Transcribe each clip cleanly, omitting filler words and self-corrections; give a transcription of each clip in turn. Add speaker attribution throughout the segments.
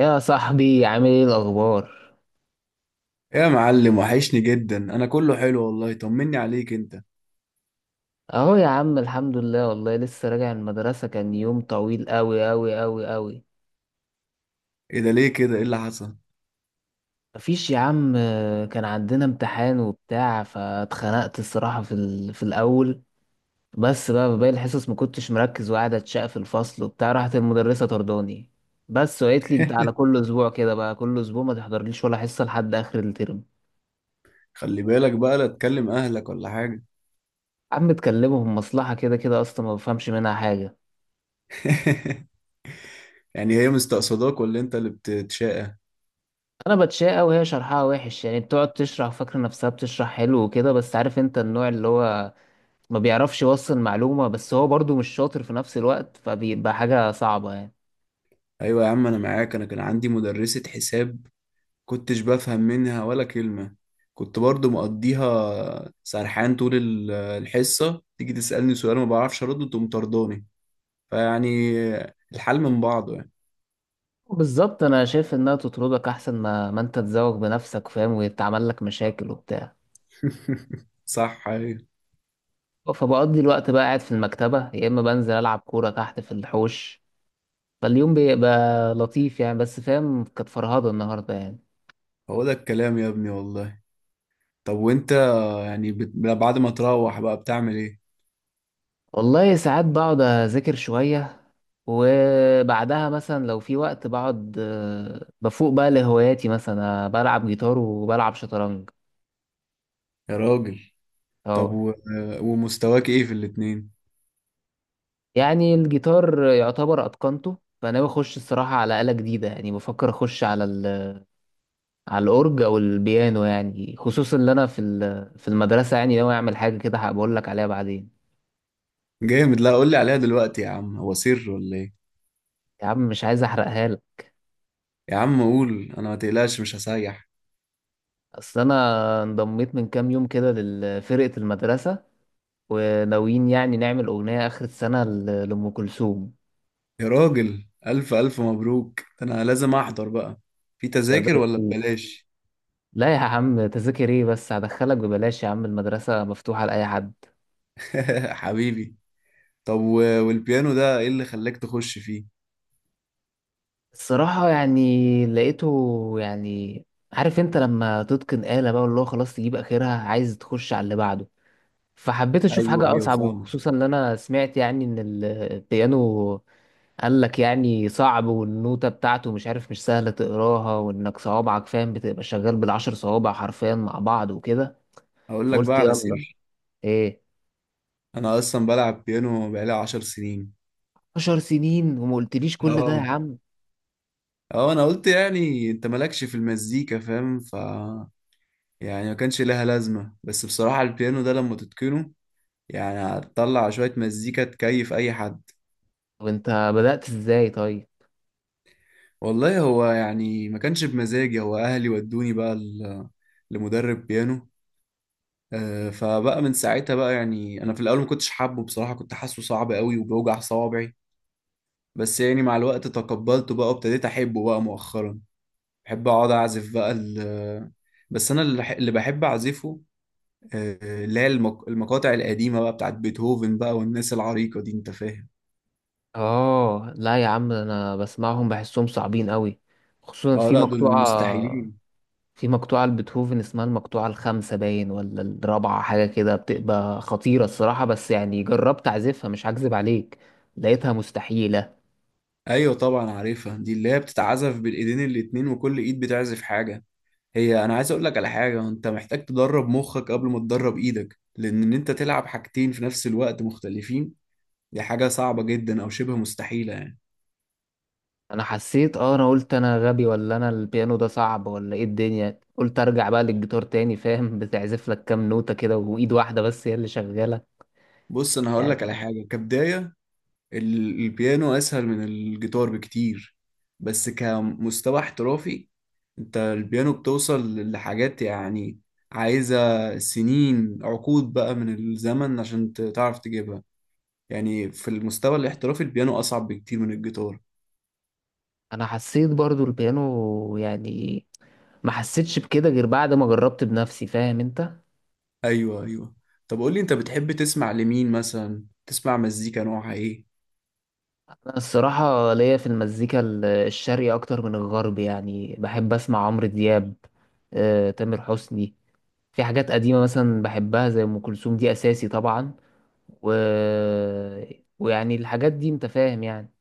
Speaker 1: يا صاحبي، عامل ايه الاخبار؟
Speaker 2: يا معلم، وحشني جدا. انا كله حلو والله، طمني عليك انت.
Speaker 1: اهو يا عم الحمد لله والله، لسه راجع من المدرسه، كان يوم طويل قوي قوي قوي قوي.
Speaker 2: ايه ده؟ ليه كده؟ ايه اللي حصل؟
Speaker 1: مفيش يا عم آه، كان عندنا امتحان وبتاع، فاتخنقت الصراحه في الاول، بس بقى في باقي الحصص ما كنتش مركز وقاعد اتشق في الفصل وبتاع، راحت المدرسه طرداني بس، وقالت لي انت على كل اسبوع كده بقى، كل اسبوع ما تحضرليش ولا حصه لحد اخر الترم.
Speaker 2: خلي بالك بقى، لا تكلم اهلك ولا حاجه.
Speaker 1: عم تكلمهم مصلحه كده كده، اصلا ما بفهمش منها حاجه.
Speaker 2: يعني هي مستقصداك ولا انت اللي بتتشاقى؟
Speaker 1: انا بتشاء وهي شرحها وحش، يعني بتقعد تشرح فاكره نفسها بتشرح حلو وكده، بس عارف انت النوع اللي هو ما بيعرفش يوصل معلومه، بس هو برضو مش شاطر في نفس الوقت، فبيبقى حاجه صعبه يعني.
Speaker 2: ايوه يا عم، انا معاك. انا كان عندي مدرسه حساب، كنتش بفهم منها ولا كلمه. كنت برضو مقضيها سرحان طول الحصه، تيجي تسالني سؤال ما بعرفش ارده، تقوم طرداني. فيعني الحال من بعضه يعني.
Speaker 1: بالظبط، انا شايف انها تطردك احسن ما انت تزوج بنفسك فاهم، ويتعمل لك مشاكل وبتاع.
Speaker 2: صح، ايوه.
Speaker 1: فبقضي الوقت بقى قاعد في المكتبه، يا اما بنزل العب كوره تحت في الحوش. فاليوم بيبقى لطيف يعني، بس فاهم، كانت فرهضه النهارده يعني.
Speaker 2: هو ده الكلام يا ابني والله. طب وانت، يعني بعد ما تروح بقى بتعمل ايه؟
Speaker 1: والله ساعات بقعد أذاكر شوية، وبعدها مثلا لو في وقت بقعد بفوق بقى لهواياتي، مثلا بلعب جيتار وبلعب شطرنج.
Speaker 2: يا راجل. طب
Speaker 1: اه.
Speaker 2: ومستواك ايه في الاتنين؟
Speaker 1: يعني الجيتار يعتبر اتقنته، فانا بخش الصراحه على آلة جديده، يعني بفكر اخش على على الاورج او البيانو، يعني خصوصا ان انا في في المدرسه يعني ناوي اعمل حاجه كده، هبقول لك عليها بعدين.
Speaker 2: جامد. لا، قول لي عليها دلوقتي يا عم، هو سر ولا ايه؟
Speaker 1: يا عم مش عايز احرقها لك.
Speaker 2: يا عم قول، انا ما تقلقش مش هسيح.
Speaker 1: اصل انا انضميت من كام يوم كده لفرقه المدرسه، وناويين يعني نعمل اغنيه اخر السنه ل- لام كلثوم.
Speaker 2: يا راجل، الف الف مبروك. ده انا لازم احضر بقى. في تذاكر ولا ببلاش؟
Speaker 1: لا يا عم تذاكر ايه، بس هدخلك ببلاش، يا عم المدرسة مفتوحة لأي حد.
Speaker 2: حبيبي. طب والبيانو ده ايه اللي خلاك تخش فيه؟
Speaker 1: الصراحة يعني لقيته يعني، عارف انت لما تتقن آلة بقى واللي هو خلاص تجيب آخرها عايز تخش على اللي بعده، فحبيت أشوف
Speaker 2: ايوه،
Speaker 1: حاجة
Speaker 2: ايوه
Speaker 1: أصعب،
Speaker 2: فاهم.
Speaker 1: وخصوصا إن أنا سمعت يعني إن البيانو قال لك يعني صعب، والنوتة بتاعته مش عارف مش سهلة تقراها، وإنك صوابعك فاهم بتبقى شغال بالعشر صوابع حرفيا مع بعض وكده.
Speaker 2: هقول لك بقى
Speaker 1: فقلت
Speaker 2: على
Speaker 1: يلا.
Speaker 2: سر،
Speaker 1: ايه؟
Speaker 2: انا اصلا بلعب بيانو بقالي 10 سنين.
Speaker 1: 10 سنين وما قلتليش كل ده يا
Speaker 2: اه،
Speaker 1: عم؟
Speaker 2: اه انا قلت يعني انت مالكش في المزيكا، فاهم؟ ف يعني ما كانش لها لازمة. بس بصراحة البيانو ده لما تتقنه، يعني هتطلع شوية مزيكا تكيف اي حد.
Speaker 1: وانت بدأت ازاي طيب؟
Speaker 2: والله هو يعني ما كانش بمزاجي، هو اهلي ودوني بقى لمدرب بيانو. فبقى من ساعتها بقى. يعني انا في الاول ما كنتش حابه، بصراحة كنت حاسه صعب قوي وبيوجع صوابعي. بس يعني مع الوقت تقبلته بقى، وابتديت احبه بقى مؤخرا. بحب اقعد اعزف بقى بس انا اللي بحب اعزفه، اللي هي المقاطع القديمة بقى بتاعت بيتهوفن بقى والناس العريقة دي، انت فاهم.
Speaker 1: اه لا يا عم انا بسمعهم بحسهم صعبين قوي، خصوصا
Speaker 2: اه
Speaker 1: في
Speaker 2: لا، دول
Speaker 1: مقطوعة،
Speaker 2: المستحيلين.
Speaker 1: في مقطوعة لبيتهوفن اسمها المقطوعة الخامسة باين ولا الرابعة حاجة كده، بتبقى خطيرة الصراحة، بس يعني جربت اعزفها مش هكذب عليك، لقيتها مستحيلة.
Speaker 2: ايوه طبعا عارفها، دي اللي هي بتتعزف بالايدين الاتنين وكل ايد بتعزف حاجة. هي انا عايز اقول لك على حاجة، انت محتاج تدرب مخك قبل ما تدرب ايدك، لان ان انت تلعب حاجتين في نفس الوقت مختلفين. دي حاجة صعبة جدا او شبه مستحيلة يعني.
Speaker 1: انا حسيت، اه انا قلت انا غبي ولا انا البيانو ده صعب ولا ايه الدنيا، قلت ارجع بقى للجيتار تاني فاهم، بتعزف لك كام نوتة كده وايد واحدة بس هي اللي شغالة.
Speaker 2: بص، انا هقول لك
Speaker 1: يعني
Speaker 2: على حاجة كبداية، البيانو اسهل من الجيتار بكتير. بس كمستوى احترافي، انت البيانو بتوصل لحاجات يعني عايزة سنين، عقود بقى من الزمن عشان تعرف تجيبها. يعني في المستوى الاحترافي البيانو اصعب بكتير من الجيتار.
Speaker 1: انا حسيت برضو البيانو يعني، ما حسيتش بكده غير بعد ما جربت بنفسي فاهم انت.
Speaker 2: ايوه، ايوه. طب قولي، انت بتحب تسمع لمين مثلا؟ تسمع مزيكا نوعها ايه؟
Speaker 1: انا الصراحة ليا في المزيكا الشرقي اكتر من الغرب، يعني بحب اسمع عمرو دياب، آه، تامر حسني، في حاجات قديمة مثلا بحبها زي ام كلثوم دي اساسي طبعا، و... ويعني الحاجات دي انت فاهم يعني.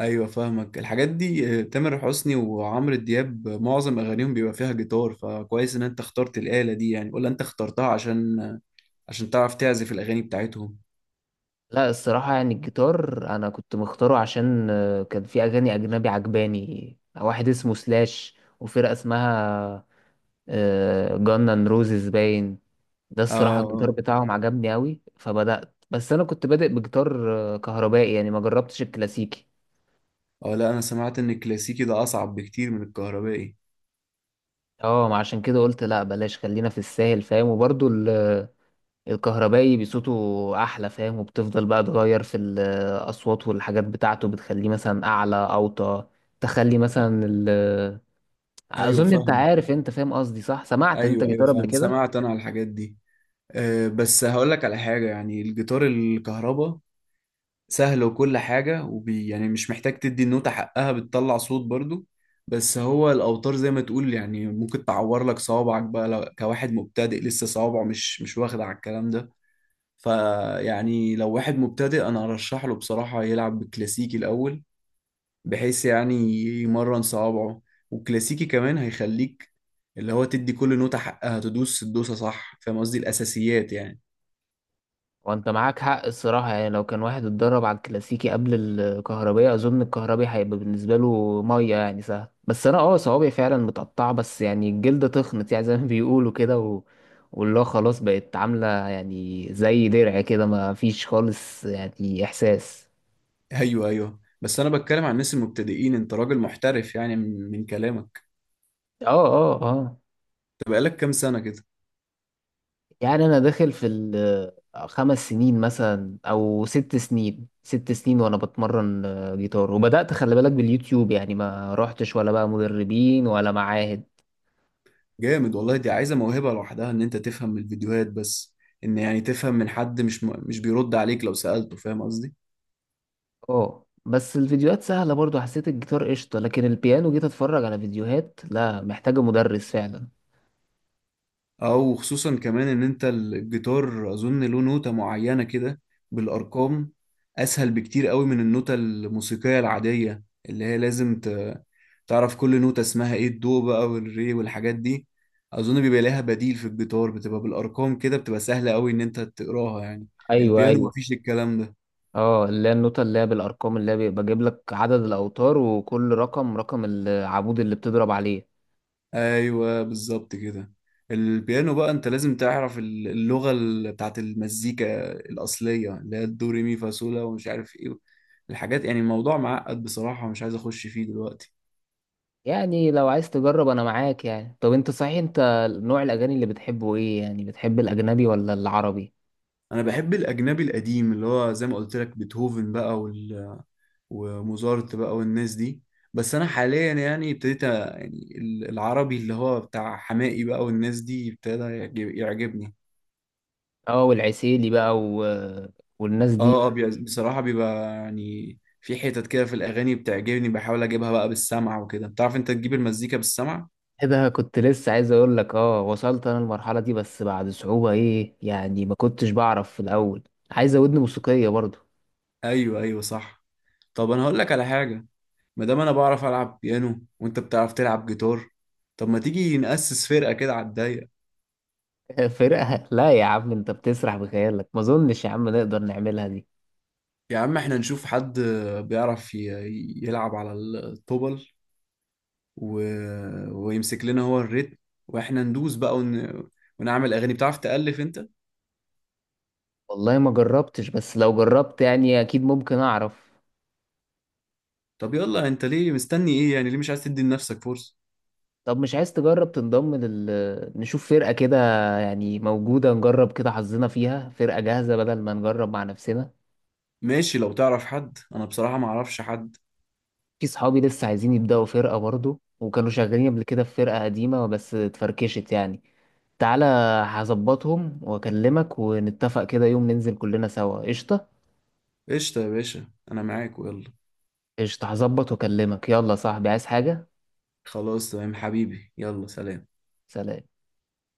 Speaker 2: ايوه فاهمك الحاجات دي، تامر حسني وعمرو دياب، معظم اغانيهم بيبقى فيها جيتار، فكويس ان انت اخترت الآلة دي يعني، ولا انت اخترتها عشان عشان تعرف تعزف الاغاني بتاعتهم؟
Speaker 1: لا الصراحة يعني الجيتار انا كنت مختاره عشان آه، كان في اغاني اجنبي عجباني، واحد اسمه سلاش وفرقة اسمها جانن روزز باين، ده الصراحة
Speaker 2: اه،
Speaker 1: الجيتار
Speaker 2: اه.
Speaker 1: بتاعهم عجبني أوي، فبدأت، بس أنا كنت بادئ بجيتار آه، كهربائي يعني ما جربتش الكلاسيكي.
Speaker 2: اه لا، انا سمعت ان الكلاسيكي ده اصعب بكتير من الكهربائي.
Speaker 1: اه ما عشان كده قلت لا بلاش خلينا في الساهل فاهم، وبرضو الكهربائي بصوته أحلى فاهم، وبتفضل بقى تغير في الأصوات والحاجات بتاعته، بتخليه مثلا أعلى أوطى، تخلي
Speaker 2: آه،
Speaker 1: مثلا ال... آه،
Speaker 2: ايوه
Speaker 1: أظن أنت
Speaker 2: فاهمك.
Speaker 1: عارف، أنت فاهم قصدي صح، سمعت أنت
Speaker 2: ايوه، ايوه
Speaker 1: جيتار قبل
Speaker 2: فاهم،
Speaker 1: كده.
Speaker 2: سمعت انا على الحاجات دي. بس هقول لك على حاجة، يعني الجيتار الكهرباء سهل وكل حاجة، وبي يعني مش محتاج تدي النوتة حقها بتطلع صوت برضو. بس هو الأوتار زي ما تقول، يعني ممكن تعور لك صوابعك بقى لو كواحد مبتدئ لسه صوابعه مش واخد على الكلام ده. فيعني لو واحد مبتدئ، أنا أرشح له بصراحة يلعب بالكلاسيكي الأول، بحيث يعني يمرن صوابعه. والكلاسيكي كمان هيخليك، اللي هو تدي كل نوتة حقها، تدوس الدوسة صح. فاهم قصدي؟ الأساسيات يعني.
Speaker 1: وانت معاك حق الصراحة، يعني لو كان واحد اتدرب على الكلاسيكي قبل الكهربية، اظن الكهربي هيبقى بالنسبة له مية، يعني سهل. بس انا اه صوابعي فعلا متقطعة، بس يعني الجلد تخنت يعني زي ما بيقولوا كده، و... واللي هو خلاص بقت عاملة يعني زي درع كده، ما فيش خالص يعني احساس.
Speaker 2: ايوه، ايوه، بس انا بتكلم عن الناس المبتدئين. انت راجل محترف يعني من كلامك.
Speaker 1: اه اه اه.
Speaker 2: طب بقالك كام سنه كده؟
Speaker 1: يعني انا داخل في خمس سنين مثلا او ست سنين، ست سنين وانا بتمرن آه، جيتار، وبدأت خلي بالك باليوتيوب يعني، ما رحتش ولا بقى مدربين ولا معاهد.
Speaker 2: جامد والله، دي عايزه موهبه لوحدها ان انت تفهم من الفيديوهات بس، ان يعني تفهم من حد مش بيرد عليك لو سالته، فاهم قصدي؟
Speaker 1: اه بس الفيديوهات سهلة برضو، حسيت الجيتار قشطة، لكن البيانو جيت اتفرج على فيديوهات لا محتاجة مدرس فعلا.
Speaker 2: اه، وخصوصا كمان ان انت الجيتار اظن له نوتة معينة كده، بالارقام، اسهل بكتير قوي من النوتة الموسيقية العادية، اللي هي لازم تعرف كل نوتة اسمها ايه، الدو بقى والري والحاجات دي. اظن بيبقى لها بديل في الجيتار بتبقى بالارقام كده، بتبقى سهلة قوي ان انت تقراها يعني.
Speaker 1: ايوه
Speaker 2: البيانو
Speaker 1: ايوه.
Speaker 2: مفيش الكلام ده.
Speaker 1: اه اللي هي النوتة اللي هي بالارقام، اللي هي بيبقى جايب لك عدد الاوتار، وكل رقم رقم العمود اللي بتضرب عليه.
Speaker 2: ايوه بالظبط كده. البيانو بقى انت لازم تعرف اللغه بتاعت المزيكا الاصليه اللي هي الدو ري مي فا صول لا ومش عارف ايه الحاجات. يعني الموضوع معقد بصراحه ومش عايز اخش فيه دلوقتي.
Speaker 1: يعني لو عايز تجرب انا معاك يعني. طب انت صحيح انت نوع الاغاني اللي بتحبه ايه؟ يعني بتحب الاجنبي ولا العربي؟
Speaker 2: انا بحب الاجنبي القديم اللي هو زي ما قلت لك، بيتهوفن بقى وموزارت بقى والناس دي. بس انا حاليا يعني ابتديت يعني العربي اللي هو بتاع حماقي بقى والناس دي ابتدى يعجبني.
Speaker 1: اه والعسيلي بقى و... والناس
Speaker 2: اه، اه،
Speaker 1: دي.
Speaker 2: بصراحة بيبقى يعني في حتت كده في الأغاني بتعجبني، بحاول أجيبها بقى بالسمع وكده. بتعرف أنت تجيب المزيكا بالسمع؟
Speaker 1: ايه ده، كنت لسه عايز اقول لك، اه وصلت انا المرحله دي بس بعد صعوبه، ايه يعني ما كنتش بعرف في الاول، عايز ودن موسيقيه برضو.
Speaker 2: أيوه، أيوه صح. طب أنا هقول لك على حاجة، ما دام أنا بعرف ألعب بيانو وأنت بتعرف تلعب جيتار، طب ما تيجي نأسس فرقة كده على الضيق؟
Speaker 1: فرقه؟ لا يا عم انت بتسرح بخيالك، ما اظنش يا عم نقدر نعملها دي.
Speaker 2: يا عم إحنا نشوف حد بيعرف يلعب على الطبل و... ويمسك لنا هو الريتم، وإحنا ندوس بقى ونعمل أغاني. بتعرف تألف أنت؟
Speaker 1: والله ما جربتش، بس لو جربت يعني اكيد ممكن اعرف.
Speaker 2: طب يلا، أنت ليه مستني إيه؟ يعني ليه مش عايز تدي لنفسك فرصة؟
Speaker 1: طب مش عايز تجرب تنضم لل نشوف فرقة كده يعني موجودة، نجرب كده حظنا فيها فرقة جاهزة بدل ما نجرب مع نفسنا.
Speaker 2: ماشي، لو تعرف حد انا بصراحة ما اعرفش حد.
Speaker 1: في صحابي لسه عايزين يبدأوا فرقة برضو، وكانوا شغالين قبل كده في فرقة قديمة بس اتفركشت يعني. تعالى هظبطهم واكلمك ونتفق كده يوم ننزل كلنا سوا، قشطة؟
Speaker 2: قشطة يا باشا، انا معاك ويلا.
Speaker 1: قشطة، هظبط واكلمك. يلا يا صاحبي، عايز حاجة؟
Speaker 2: خلاص تمام حبيبي، يلا سلام.
Speaker 1: سلام.